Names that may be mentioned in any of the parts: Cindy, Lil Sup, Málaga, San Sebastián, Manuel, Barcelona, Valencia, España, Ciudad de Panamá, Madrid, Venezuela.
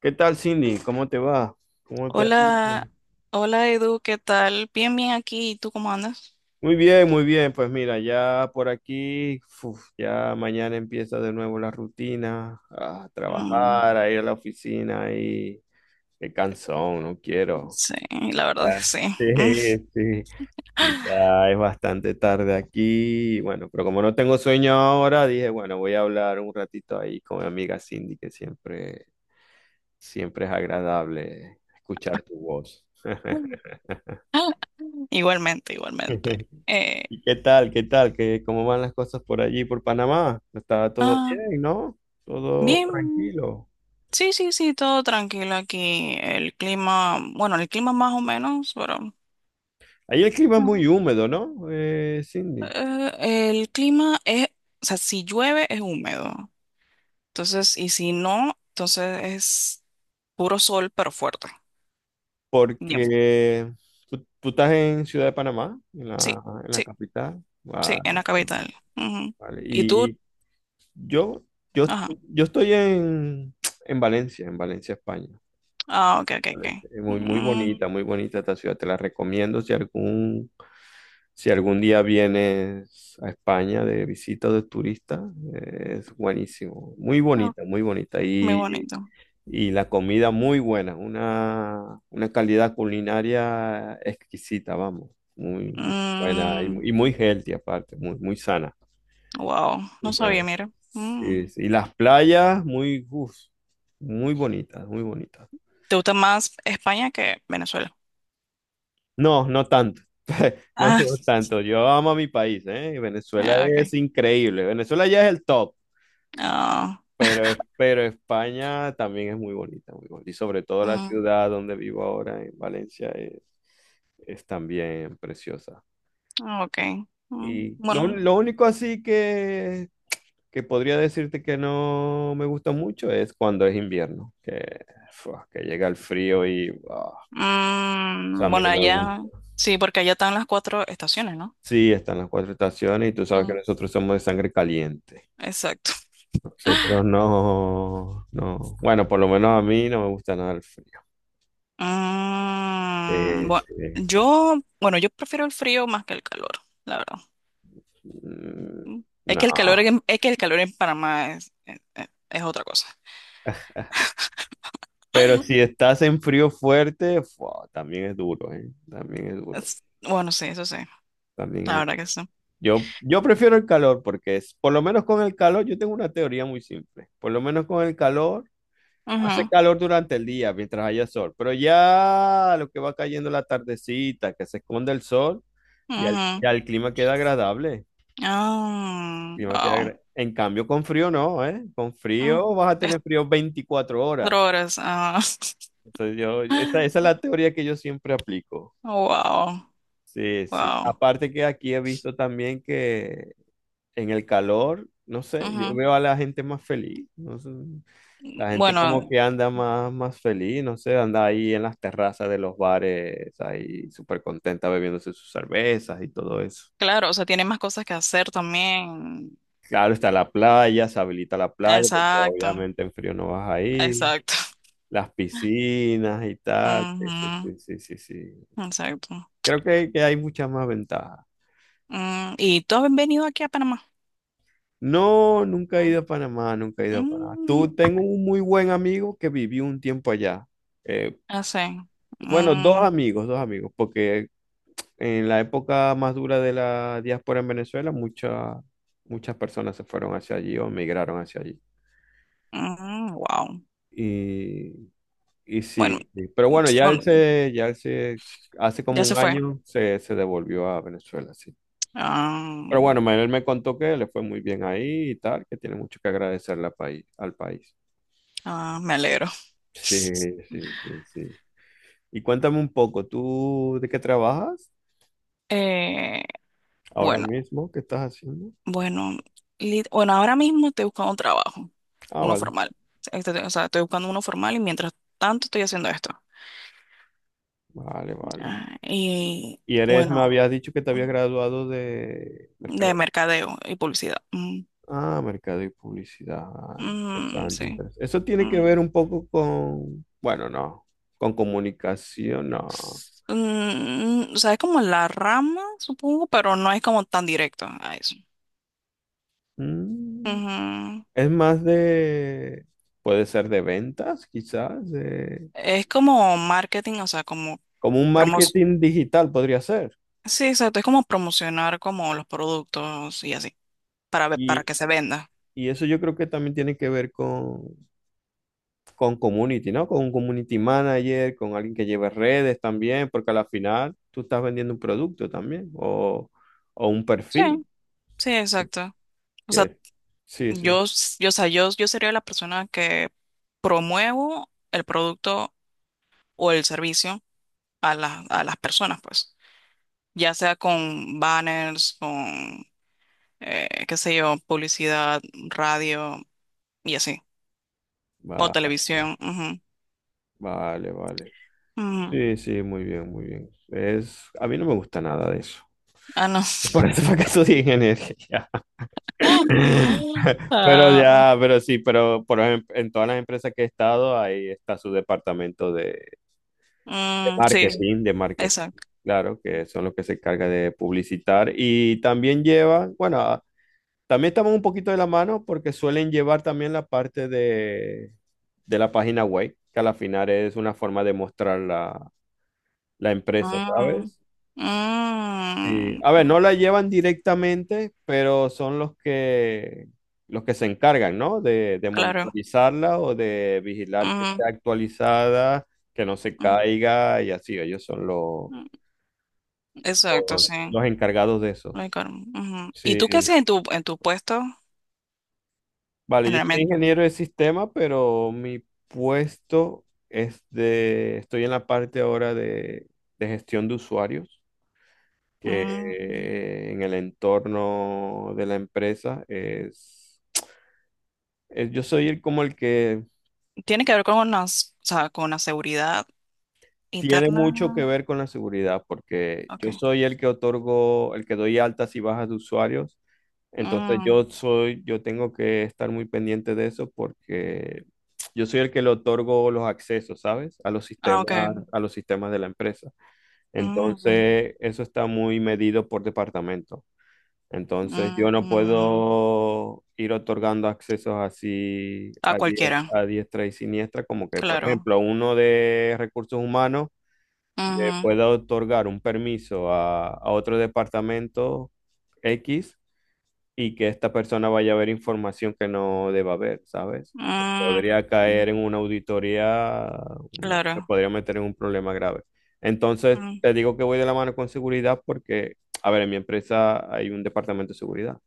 ¿Qué tal, Cindy? ¿Cómo te va? ¿Cómo te ha ido? Hola, hola Edu, ¿qué tal? Bien, bien aquí. ¿Y tú cómo andas? Muy bien, muy bien. Pues mira, ya por aquí, uf, ya mañana empieza de nuevo la rutina, a Mm, trabajar, a ir a la oficina y qué cansón, no quiero. sí, la Ya, verdad que sí. sí, Mm. sí. Y ya es bastante tarde aquí, y bueno, pero como no tengo sueño ahora, dije, bueno, voy a hablar un ratito ahí con mi amiga Cindy, que siempre, siempre es agradable escuchar tu voz. Igualmente, igualmente. ¿Y qué tal? ¿Qué tal? ¿Cómo van las cosas por allí, por Panamá? Está todo ah, bien, ¿no? Todo bien, tranquilo. sí, todo tranquilo aquí. El clima, bueno, el clima más o menos, pero Ahí el clima es ah, muy húmedo, ¿no? Cindy, el clima es, o sea, si llueve es húmedo. Entonces, y si no, entonces es puro sol, pero fuerte. Bien, porque tú estás en Ciudad de Panamá, en sí. la, en la Sí. capital. Sí, en Vale, la capital. Ujú. vale. ¿Y tú? Y yo, yo, Ajá. yo estoy en Valencia, en Valencia, España. Ah, ok. Alex. Muy, Mm, muy bonita esta ciudad. Te la recomiendo si algún día vienes a España de visita o de turista. Es buenísimo. Muy ah, bonita, muy bonita. muy Y, bonito. y la comida muy buena. Una calidad culinaria exquisita, vamos. Muy buena y, Mm, muy y muy healthy aparte, muy, muy sana. wow, no Muy sabía, sana. mira. Mm. Sí, sí. Y las playas, muy, uf, muy bonitas, muy bonitas. ¿Te gusta más España que Venezuela? No, no tanto. No, no tanto. Yo amo a mi país, ¿eh? Venezuela Ah, ah, ok. es increíble. Venezuela ya es el top, Ah, pero España también es muy bonita, muy bonita. Y sobre todo la mm, ciudad donde vivo ahora, en Valencia, es también preciosa. ah, ok. Mm, Y lo, bueno, un- lo único así que podría decirte que no me gusta mucho es cuando es invierno, fua, que llega el frío y, ah, o sea, a mm, mí bueno, no me allá, gusta. sí, porque allá están las cuatro estaciones, ¿no? Sí, están las cuatro estaciones y tú sabes que Mm, nosotros somos de sangre caliente. exacto. Nosotros no, no. Bueno, por lo menos a mí no me gusta nada el frío. Mm, bueno, Sí. yo, bueno, yo prefiero el frío más que el calor, la verdad. Mm, Es no. que el calor en, es que el calor en Panamá es otra cosa. Pero si estás en frío fuerte, fua, también es duro, ¿eh? También es duro. Bueno, sí, eso sí, También la es... verdad que sí. Yo prefiero el calor porque es, por lo menos con el calor, yo tengo una teoría muy simple. Por lo menos con el calor, hace Ujú, calor durante el día mientras haya sol. Pero ya lo que va cayendo la tardecita, que se esconde el sol, ya el, ujú. ya el clima queda agradable. Ah, wow. En cambio, con frío no, ¿eh? Con Ah, frío vas a es tener frío 24 horas. cuatro horas. Ah. Entonces, yo, esa es la teoría que yo siempre aplico. Wow, Sí, sí. wow. Aparte que aquí he visto también que en el calor, no sé, yo Ujú. veo a la gente más feliz, no sé, la gente Bueno, como que anda más feliz, no sé, anda ahí en las terrazas de los bares, ahí súper contenta bebiéndose sus cervezas y todo eso. claro, o sea, tiene más cosas que hacer también. Claro, está la playa, se habilita la playa, porque Exacto, obviamente en frío no vas ahí. exacto. Las piscinas y tal. Sí, sí, Ujú, sí, sí, sí, sí. exacto. Creo que hay muchas más ventajas. Mm, ¿y tú has venido aquí a Panamá? No, nunca he ido a Panamá, nunca he ido a Panamá. Mm, Tengo un muy buen amigo que vivió un tiempo allá. Eh, así. bueno, dos amigos, porque en la época más dura de la diáspora en Venezuela, muchas personas se fueron hacia allí o migraron hacia allí. Mm, wow. Y, y sí, Bueno, sí. Pero bueno, bueno, hace como ya se un fue. año se devolvió a Venezuela, sí. Ah, Pero bueno, Manuel me contó que le fue muy bien ahí y tal, que tiene mucho que agradecerle al país, al país. ah, me alegro. Sí, sí, sí, sí. Y cuéntame un poco, ¿tú de qué trabajas Eh, ahora bueno, mismo? ¿Qué estás haciendo? bueno, bueno, ahora mismo estoy buscando un trabajo, Ah, uno vale, formal. O sea, estoy buscando uno formal y mientras tanto estoy haciendo esto. vale, vale. Ah, y Me bueno, habías dicho que te habías graduado de de mercado. mercadeo y publicidad. Mm, Ah, mercado y publicidad. Ah, mm, interesante, sí. interesante. Eso tiene que Mm. ver un poco con, bueno, no, con comunicación, no. Mm, o sea, es como la rama, supongo, pero no es como tan directo a eso. Mm. Es más de, puede ser de ventas, quizás, Es como marketing, o sea, como como un promos. marketing digital podría ser. Sí, exacto, es como promocionar como los productos y así, para Y, que se venda. y eso yo creo que también tiene que ver con community, ¿no? Con un community manager, con alguien que lleve redes también, porque al final tú estás vendiendo un producto también o un Sí, perfil. sí, exacto. O sea, Que, sí, sí. yo, s- yo, o sea, yo sería la persona que promuevo el producto o el servicio a las personas, pues. Ya sea con banners, con, qué sé yo, publicidad, radio y así. O Va- televisión. Ujú, vale, vale. ujú. Sí, sí, muy bien, muy bien. Es, a mí no me gusta nada de eso. Ah, no. Por eso fue que estudié ingeniería. Pero Ah, ya, pero sí, pero por ejemplo, en todas las empresas que he estado, ahí está su departamento de mm, sí, sí, marketing, de marketing, exacto. claro, que son los que se encargan de publicitar y también llevan, bueno, también estamos un poquito de la mano porque suelen llevar también la parte de la página web, que a la final es una forma de mostrar la empresa, Mm, ¿sabes? Sí. mm, A ver, no la llevan directamente, pero son los que se encargan, ¿no? De claro. monitorizarla o de vigilar que Ujú, esté actualizada, que no se ujú, caiga y así. Ellos son los, ujú. Exacto, los, sí. los encargados de eso. Ay, Carmen, ujú. ¿Y Sí. tú qué haces en tu puesto Vale, yo soy generalmente? ingeniero de sistema, pero mi puesto es de, estoy en la parte ahora de gestión de usuarios, Mm, que en el entorno de la empresa es yo soy el como el que tiene que ver con una, o sea, con la seguridad tiene mucho que interna. ver con la seguridad, porque yo Okay. soy el que otorgo, el que doy altas y bajas de usuarios. Entonces Mm, yo tengo que estar muy pendiente de eso porque yo soy el que le otorgo los accesos, ¿sabes? Ah, okay. A los sistemas de la empresa. Mm, Entonces, eso está muy medido por departamento. Entonces yo no mm, puedo ir otorgando accesos así a a, die- cualquiera, a diestra y siniestra, como que, por claro. ejemplo, uno de recursos humanos le pueda otorgar un permiso a otro departamento X y que esta persona vaya a ver información que no deba ver, ¿sabes? Ujú, mm, Podría caer en una auditoría, me claro. podría meter en un problema grave. Entonces, Mm, te digo que voy de la mano con seguridad porque, a ver, en mi empresa hay un departamento de seguridad.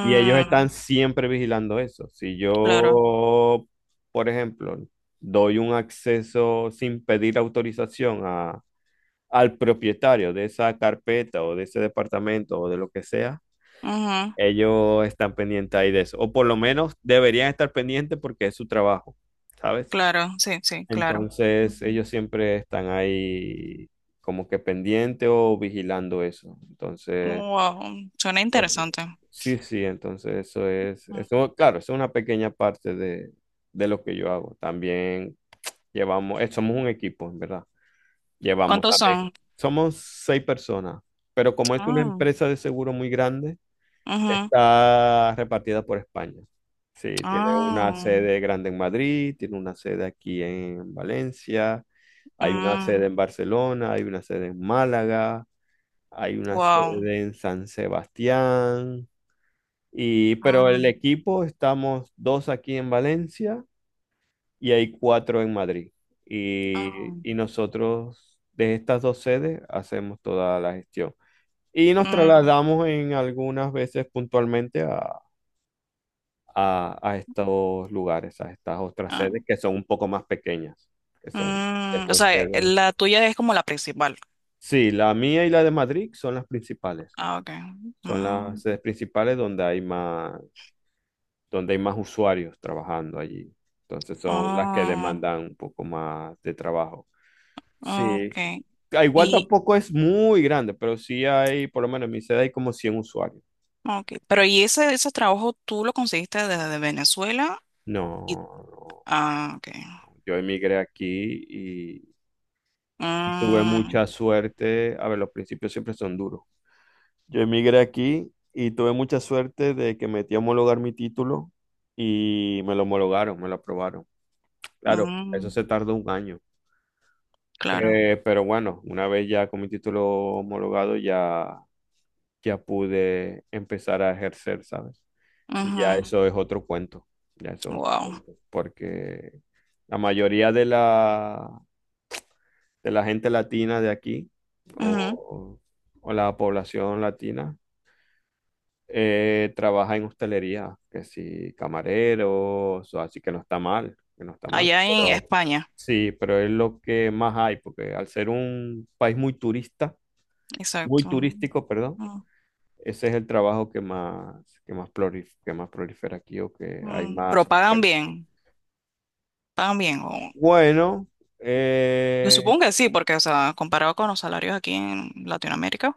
Y ellos están siempre vigilando eso. Si yo, por ejemplo, doy un acceso sin pedir autorización al propietario de esa carpeta o de ese departamento o de lo que sea, claro. ellos están pendientes ahí de eso. O por lo menos deberían estar pendientes porque es su trabajo, ¿sabes? Claro, sí, sí, claro. Entonces Mm. ellos siempre están ahí como que pendientes o vigilando eso. Entonces. Wow, suena Ok. interesante. Sí, sí, entonces eso es, Mm. eso, claro, eso es una pequeña parte de lo que yo hago. También llevamos, somos un equipo, en verdad. Llevamos ¿Cuántos también, son? somos seis personas, pero como es una Ah, empresa de seguro muy grande, ujú. está repartida por España. Sí, tiene una Ah, sede grande en Madrid, tiene una sede aquí en Valencia, hay una mm, sede en Barcelona, hay una sede en Málaga, hay una wow. sede en San Sebastián. Pero el Mm, equipo estamos dos aquí en Valencia y hay cuatro en Madrid. ah, Y nosotros de estas dos sedes hacemos toda la gestión. Y nos mm, trasladamos en algunas veces puntualmente a estos lugares, a estas otras ah, sedes que son un poco más pequeñas, que son, que mm. O son sea, sedes. la tuya es como la principal. Sí, la mía y la de Madrid son las principales. Ah, okay. Son las Mm, sedes principales donde hay más usuarios trabajando allí. Entonces son las que ah, demandan un poco más de trabajo. Sí, okay. ah, igual Y, tampoco es muy grande, pero sí hay, por lo menos en mi sede hay como 100 usuarios. okay. Pero ¿y ese trabajo tú lo conseguiste desde Venezuela? No, Y, no. ah, okay. Yo emigré aquí y tuve Mm, mucha suerte. A ver, los principios siempre son duros. Yo emigré aquí y tuve mucha suerte de que metí a homologar mi título y me lo homologaron, me lo aprobaron. Claro, eso mm, se tardó un año. claro. Pero bueno, una vez ya con mi título homologado, ya pude empezar a ejercer, ¿sabes? Y ya eso es otro cuento, ya eso es otro Wow. cuento, porque la mayoría de la gente latina de aquí, Ujú. o, o la población latina, trabaja en hostelería, que si camareros, o así que no está mal, que no está mal, Allá en pero España, sí, pero es lo que más hay, porque al ser un país muy turista, muy exacto. turístico, perdón, Mm, ese es el trabajo que más prolifera aquí o que hay mm. Pero más pagan oferta. bien, pagan bien. Bueno, Yo eh, supongo que sí, porque, o sea, comparado con los salarios aquí en Latinoamérica,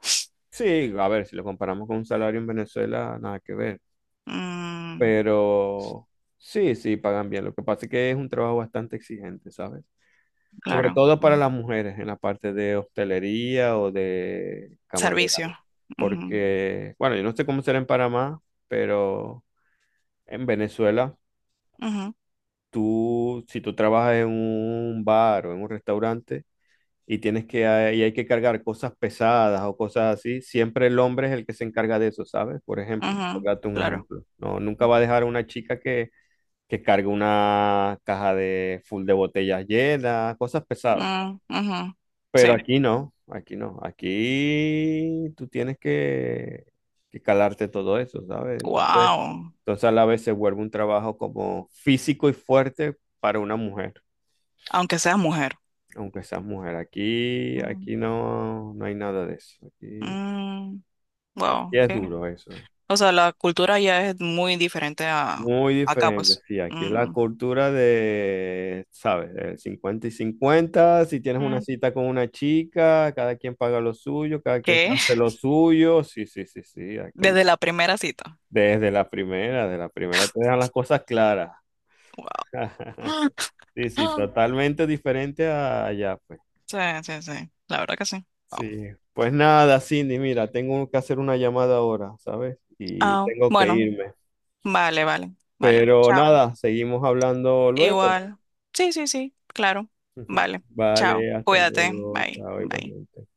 sí, a ver, si lo comparamos con un salario en Venezuela, nada que ver, mm, pero sí, sí, pagan bien. Lo que pasa es que es un trabajo bastante exigente, ¿sabes? Sobre claro, todo para mm, las mujeres en la parte de hostelería o de camarera, servicio. Ujú, porque, bueno, yo no sé cómo será en Panamá, pero en Venezuela ujú, si tú trabajas en un bar o en un restaurante y tienes que, y hay que cargar cosas pesadas o cosas así, siempre el hombre es el que se encarga de eso, ¿sabes? Por ejemplo, por ujú, darte un claro. ejemplo. No, nunca va a dejar a una chica que cargue una caja de full de botellas llenas, cosas pesadas. Mm, ujú, Pero sí. aquí no, aquí no. Aquí tú tienes que calarte todo eso, ¿sabes? Entonces, Wow. entonces a la vez se vuelve un trabajo como físico y fuerte para una mujer. Aunque seas mujer. Aunque seas mujer, aquí, Mm. aquí no hay nada de eso. Aquí, Mm, aquí wow, es duro eso. o sea, la cultura ya es muy diferente a Muy acá, diferente, pues. sí. Aquí es la Mm, cultura de, ¿sabes? Del 50 y 50. Si tienes una mm. cita con una chica, cada quien paga lo suyo, cada quien ¿Qué? hace lo suyo. Sí, sí, sí, sí. Aquí, Desde la primera cita. de la primera te dejan las cosas claras. Wow. Sí, sí, totalmente diferente a allá, pues. Sí, sí, sí. La verdad que sí. Wow. Sí, pues nada, Cindy, mira, tengo que hacer una llamada ahora, ¿sabes? Y Ah, tengo que bueno, irme. vale. Pero Chao. nada, seguimos hablando luego. Igual. Sí, sí, sí, claro. Vale. Chao. Vale, hasta Cuídate. luego, Bye, chao, bye. igualmente.